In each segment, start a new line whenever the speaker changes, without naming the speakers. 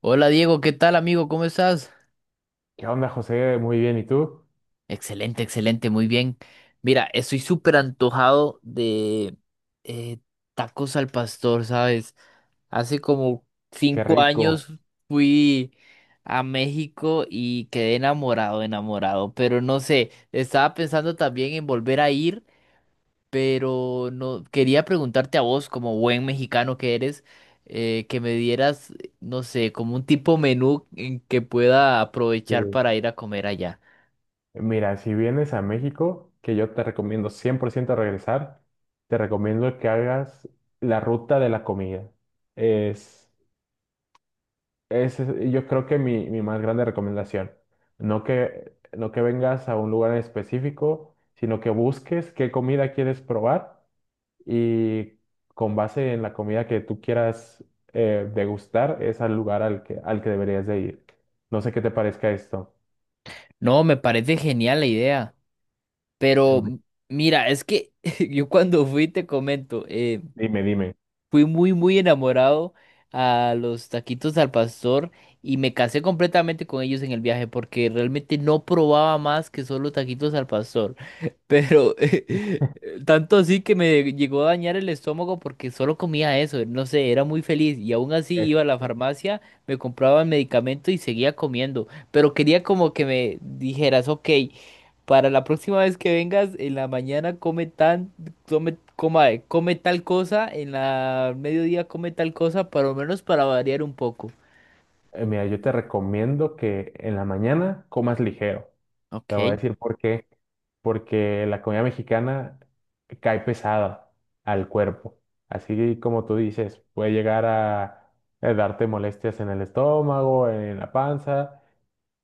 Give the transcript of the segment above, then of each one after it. Hola Diego, ¿qué tal, amigo? ¿Cómo estás?
¿Qué onda, José? Muy bien, ¿y tú?
Excelente, excelente, muy bien. Mira, estoy súper antojado de eh, tacos al pastor, ¿sabes? Hace como
Qué
cinco
rico.
años fui a México y quedé enamorado, enamorado, pero no sé, estaba pensando también en volver a ir, pero no quería preguntarte a vos, como buen mexicano que eres, que me dieras, no sé, como un tipo menú en que pueda aprovechar
Sí.
para ir a comer allá.
Mira, si vienes a México, que yo te recomiendo 100% regresar, te recomiendo que hagas la ruta de la comida. Es, yo creo que mi más grande recomendación. No que vengas a un lugar en específico, sino que busques qué comida quieres probar y con base en la comida que tú quieras degustar, es al lugar al que deberías de ir. No sé qué te parezca esto.
No, me parece genial la idea, pero
Em,
mira, es que yo cuando fui, te comento,
Dime, dime.
fui muy, muy enamorado a los taquitos al pastor y me casé completamente con ellos en el viaje porque realmente no probaba más que solo taquitos al pastor. Pero tanto así que me llegó a dañar el estómago porque solo comía eso, no sé, era muy feliz y aún así
Es-
iba a la farmacia, me compraba el medicamento y seguía comiendo, pero quería como que me dijeras: ok, para la próxima vez que vengas en la mañana come tan, come, coma, come tal cosa, en la mediodía come tal cosa, por lo menos para variar un poco.
Mira, yo te recomiendo que en la mañana comas ligero. Te voy a
Ok,
decir por qué. Porque la comida mexicana cae pesada al cuerpo. Así como tú dices, puede llegar a darte molestias en el estómago, en la panza.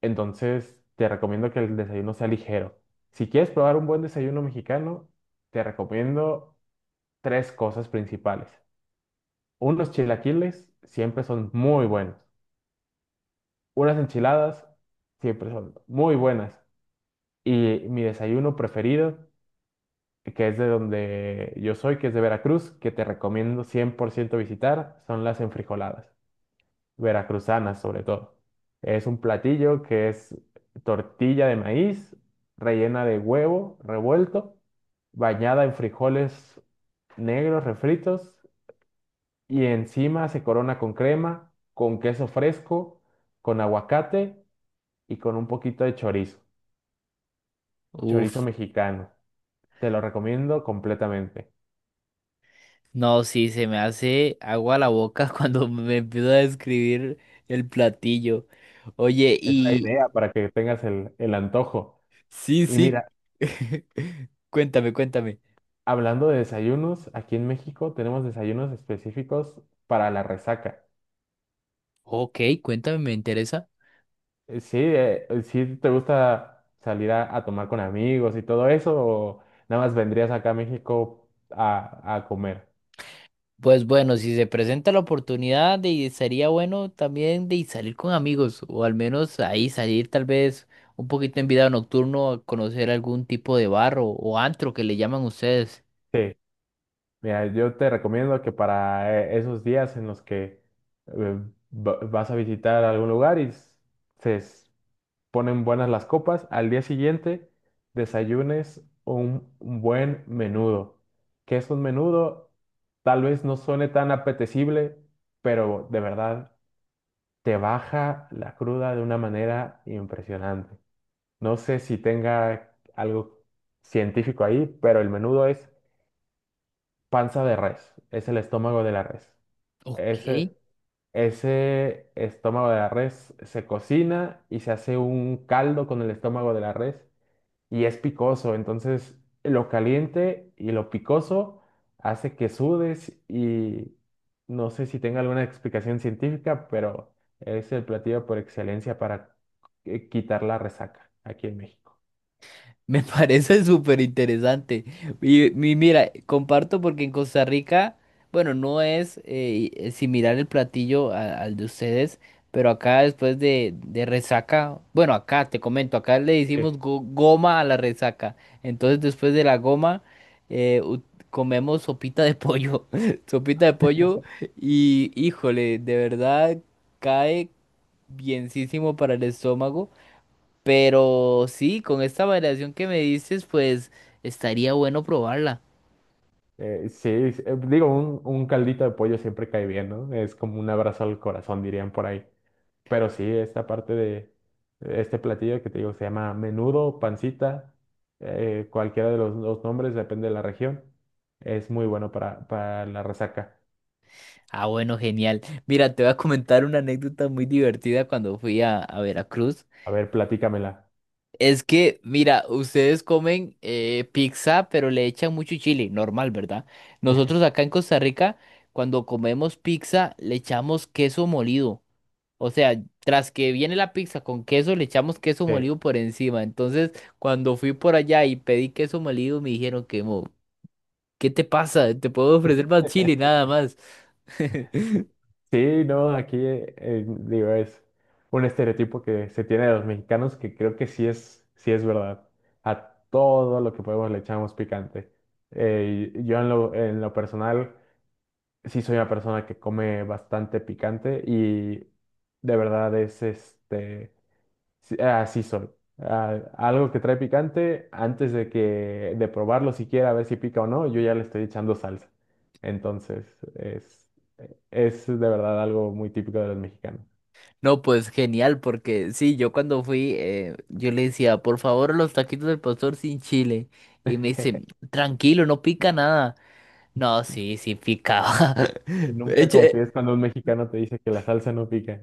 Entonces, te recomiendo que el desayuno sea ligero. Si quieres probar un buen desayuno mexicano, te recomiendo tres cosas principales. Unos chilaquiles siempre son muy buenos. Unas enchiladas siempre son muy buenas. Y mi desayuno preferido, que es de donde yo soy, que es de Veracruz, que te recomiendo 100% visitar, son las enfrijoladas veracruzanas sobre todo. Es un platillo que es tortilla de maíz rellena de huevo revuelto, bañada en frijoles negros refritos y encima se corona con crema, con queso fresco, con aguacate y con un poquito de chorizo, chorizo
uf.
mexicano. Te lo recomiendo completamente.
No, sí, se me hace agua a la boca cuando me empiezo a describir el platillo. Oye,
Es la
y
idea para que tengas el antojo.
sí,
Y
sí.
mira,
Cuéntame, cuéntame.
hablando de desayunos, aquí en México tenemos desayunos específicos para la resaca.
Ok, cuéntame, me interesa.
Sí, sí te gusta salir a tomar con amigos y todo eso, o nada más vendrías acá a México a comer.
Pues bueno, si se presenta la oportunidad, sería bueno también de salir con amigos, o al menos ahí salir tal vez un poquito en vida nocturno a conocer algún tipo de bar o antro que le llaman ustedes.
Sí, mira, yo te recomiendo que para esos días en los que eh, vas a visitar algún lugar y se, ponen buenas las copas, al día siguiente desayunes un buen menudo. ¿Qué es un menudo? Tal vez no suene tan apetecible, pero de verdad te baja la cruda de una manera impresionante. No sé si tenga algo científico ahí, pero el menudo es panza de res, es el estómago de la res.
Ok.
Ese, ese estómago de la res se cocina y se hace un caldo con el estómago de la res y es picoso, entonces lo caliente y lo picoso hace que sudes y no sé si tenga alguna explicación científica, pero es el platillo por excelencia para quitar la resaca aquí en México.
Me parece súper interesante. Y, mira, comparto porque en Costa Rica, bueno, no es similar el platillo al de ustedes, pero acá después de resaca, bueno, acá te comento, acá le hicimos goma a la resaca. Entonces después de la goma eh, u- comemos sopita de pollo, sopita de pollo y híjole, de verdad cae bienísimo para el estómago. Pero sí, con esta variación que me dices, pues estaría bueno probarla.
Digo, un caldito de pollo siempre cae bien, ¿no? Es como un abrazo al corazón, dirían por ahí. Pero sí, esta parte de este platillo que te digo se llama menudo, pancita, cualquiera de los dos nombres, depende de la región. Es muy bueno para la resaca.
Ah, bueno, genial. Mira, te voy a comentar una anécdota muy divertida cuando fui a Veracruz.
A ver, platícamela.
Es que, mira, ustedes comen pizza, pero le echan mucho chile, normal, ¿verdad? Nosotros acá en Costa Rica, cuando comemos pizza, le echamos queso molido. O sea, tras que viene la pizza con queso, le echamos queso
Sí.
molido por encima. Entonces, cuando fui por allá y pedí queso molido, me dijeron que ¿qué te pasa? Te puedo ofrecer más chile, nada más.
Sí, no, aquí digo, es un estereotipo que se tiene de los mexicanos que creo que sí es verdad. A todo lo que podemos le echamos picante. Y yo en lo personal sí soy una persona que come bastante picante y de verdad es este, sí- así soy. Ah, algo que trae picante, antes de que de probarlo siquiera a ver si pica o no, yo ya le estoy echando salsa. Entonces, es de verdad algo muy típico de los mexicanos.
No, pues genial, porque sí, yo cuando fui, yo le decía, por favor, los taquitos del pastor sin chile. Y me dice, tranquilo, no pica nada. No, sí, sí picaba.
Nunca
Eche.
confíes cuando un mexicano te dice que la salsa no pica.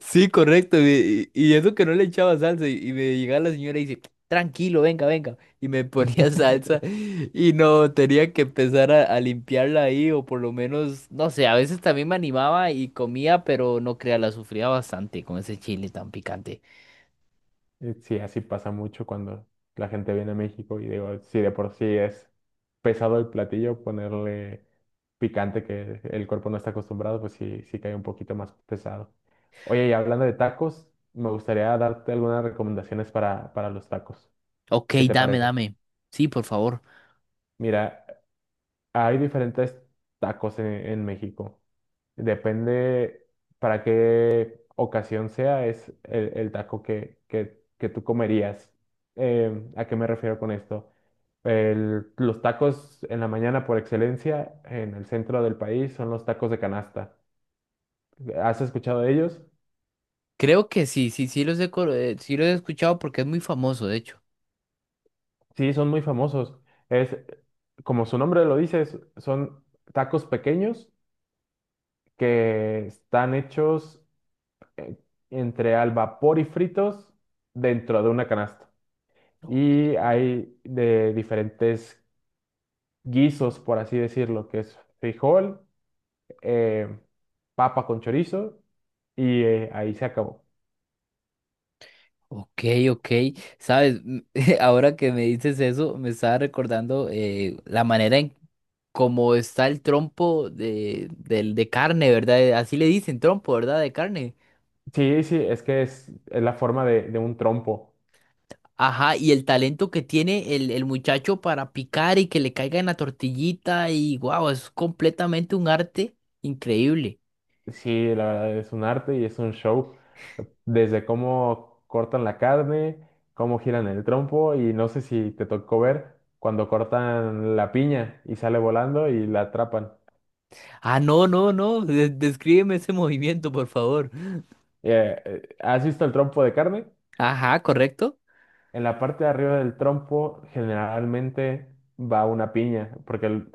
Sí, correcto. Y eso que no le echaba salsa. Y me llegaba la señora y dice, tranquilo, venga, venga. Y me ponía salsa. Y no, tenía que empezar a limpiarla ahí. O por lo menos, no sé, a veces también me animaba y comía, pero no crea, la sufría bastante con ese chile tan picante.
Sí, así pasa mucho cuando la gente viene a México y digo, si de por sí es pesado el platillo, ponerle picante que el cuerpo no está acostumbrado, pues sí, sí cae un poquito más pesado. Oye, y hablando de tacos, me gustaría darte algunas recomendaciones para los tacos.
Ok,
¿Qué te
dame,
parece?
dame. Sí, por favor.
Mira, hay diferentes tacos en México. Depende para qué ocasión sea, es el taco que tú comerías. ¿A qué me refiero con esto? Los tacos en la mañana por excelencia en el centro del país son los tacos de canasta. ¿Has escuchado de ellos?
Creo que sí, sí, sí los he, sí los he escuchado porque es muy famoso, de hecho.
Sí, son muy famosos. Es, como su nombre lo dice, son tacos pequeños que están hechos eh, entre al vapor y fritos dentro de una canasta.
Ok.
Y hay de diferentes guisos, por así decirlo, que es frijol, eh, papa con chorizo y ahí se acabó.
Ok, ok, sabes, ahora que me dices eso, me estaba recordando la manera en cómo está el trompo de carne, ¿verdad? Así le dicen, trompo, ¿verdad? De carne.
Sí, sí, es que es la forma de un trompo.
Ajá, y el talento que tiene el muchacho para picar y que le caiga en la tortillita y wow, es completamente un arte increíble.
Sí, la verdad es un arte y es un show. Desde cómo cortan la carne, cómo giran el trompo y no sé si te tocó ver cuando cortan la piña y sale volando y la atrapan.
Ah, no, no, no, descríbeme ese movimiento, por favor.
¿Has visto el trompo de carne?
Ajá, correcto.
En la parte de arriba del trompo generalmente va una piña, porque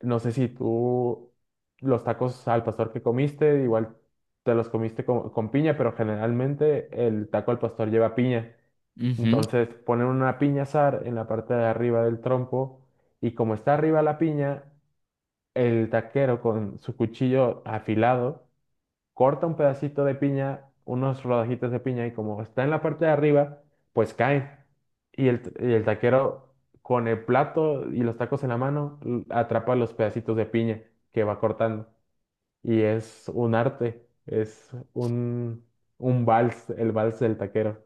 no sé si tú los tacos al pastor que comiste, igual te los comiste con piña, pero generalmente el taco al pastor lleva piña.
Ujú.
Entonces ponen una piña asar en la parte de arriba del trompo y como está arriba la piña, el taquero con su cuchillo afilado corta un pedacito de piña, unos rodajitas de piña, y como está en la parte de arriba, pues cae. Y el, y el taquero, con el plato y los tacos en la mano, atrapa los pedacitos de piña que va cortando. Y es un arte, es un vals, el vals del taquero.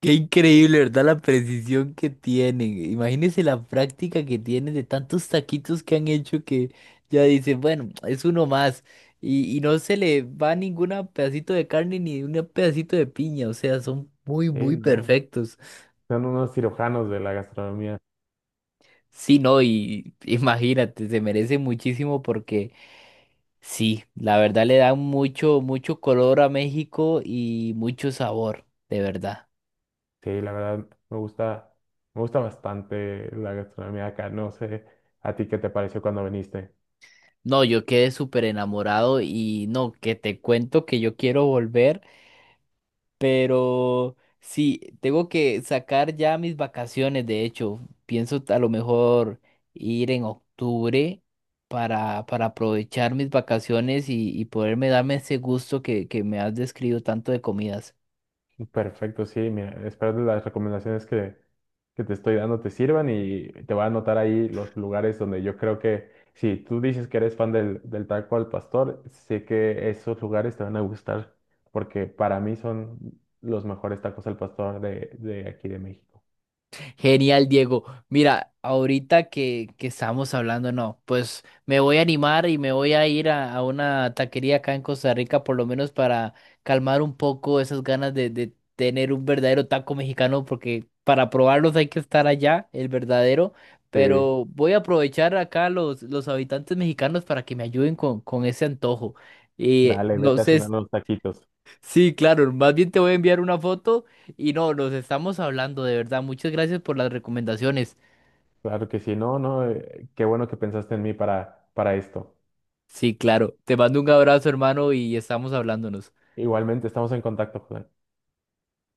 Qué increíble, ¿verdad? La precisión que tienen. Imagínense la práctica que tienen de tantos taquitos que han hecho que ya dicen, bueno, es uno más. Y no se le va ningún pedacito de carne ni un pedacito de piña. O sea, son muy,
Sí,
muy
no.
perfectos.
Son unos cirujanos de la gastronomía.
Sí, no, y imagínate, se merece muchísimo porque sí, la verdad le dan mucho, mucho color a México y mucho sabor, de verdad.
Sí, la verdad, me gusta bastante la gastronomía acá. No sé a ti qué te pareció cuando viniste.
No, yo quedé súper enamorado y no, que te cuento que yo quiero volver, pero sí, tengo que sacar ya mis vacaciones, de hecho, pienso a lo mejor ir en octubre para aprovechar mis vacaciones y poderme darme ese gusto que me has descrito tanto de comidas.
Perfecto, sí, mira, espero que las recomendaciones que te estoy dando te sirvan y te voy a anotar ahí los lugares donde yo creo que, si tú dices que eres fan del taco al pastor, sé que esos lugares te van a gustar, porque para mí son los mejores tacos al pastor de aquí de México.
Genial, Diego. Mira, ahorita que estamos hablando, no, pues me voy a animar y me voy a ir a una taquería acá en Costa Rica, por lo menos para calmar un poco esas ganas de tener un verdadero taco mexicano, porque para probarlos hay que estar allá, el verdadero.
Sí,
Pero voy a aprovechar acá los habitantes mexicanos para que me ayuden con ese antojo. Y
dale,
no
vete a
sé.
cenar unos taquitos.
Sí, claro, más bien te voy a enviar una foto y no, nos estamos hablando, de verdad. Muchas gracias por las recomendaciones.
Claro que sí, no, no, qué bueno que pensaste en mí para esto.
Sí, claro. Te mando un abrazo, hermano, y estamos hablándonos.
Igualmente, estamos en contacto, Julián.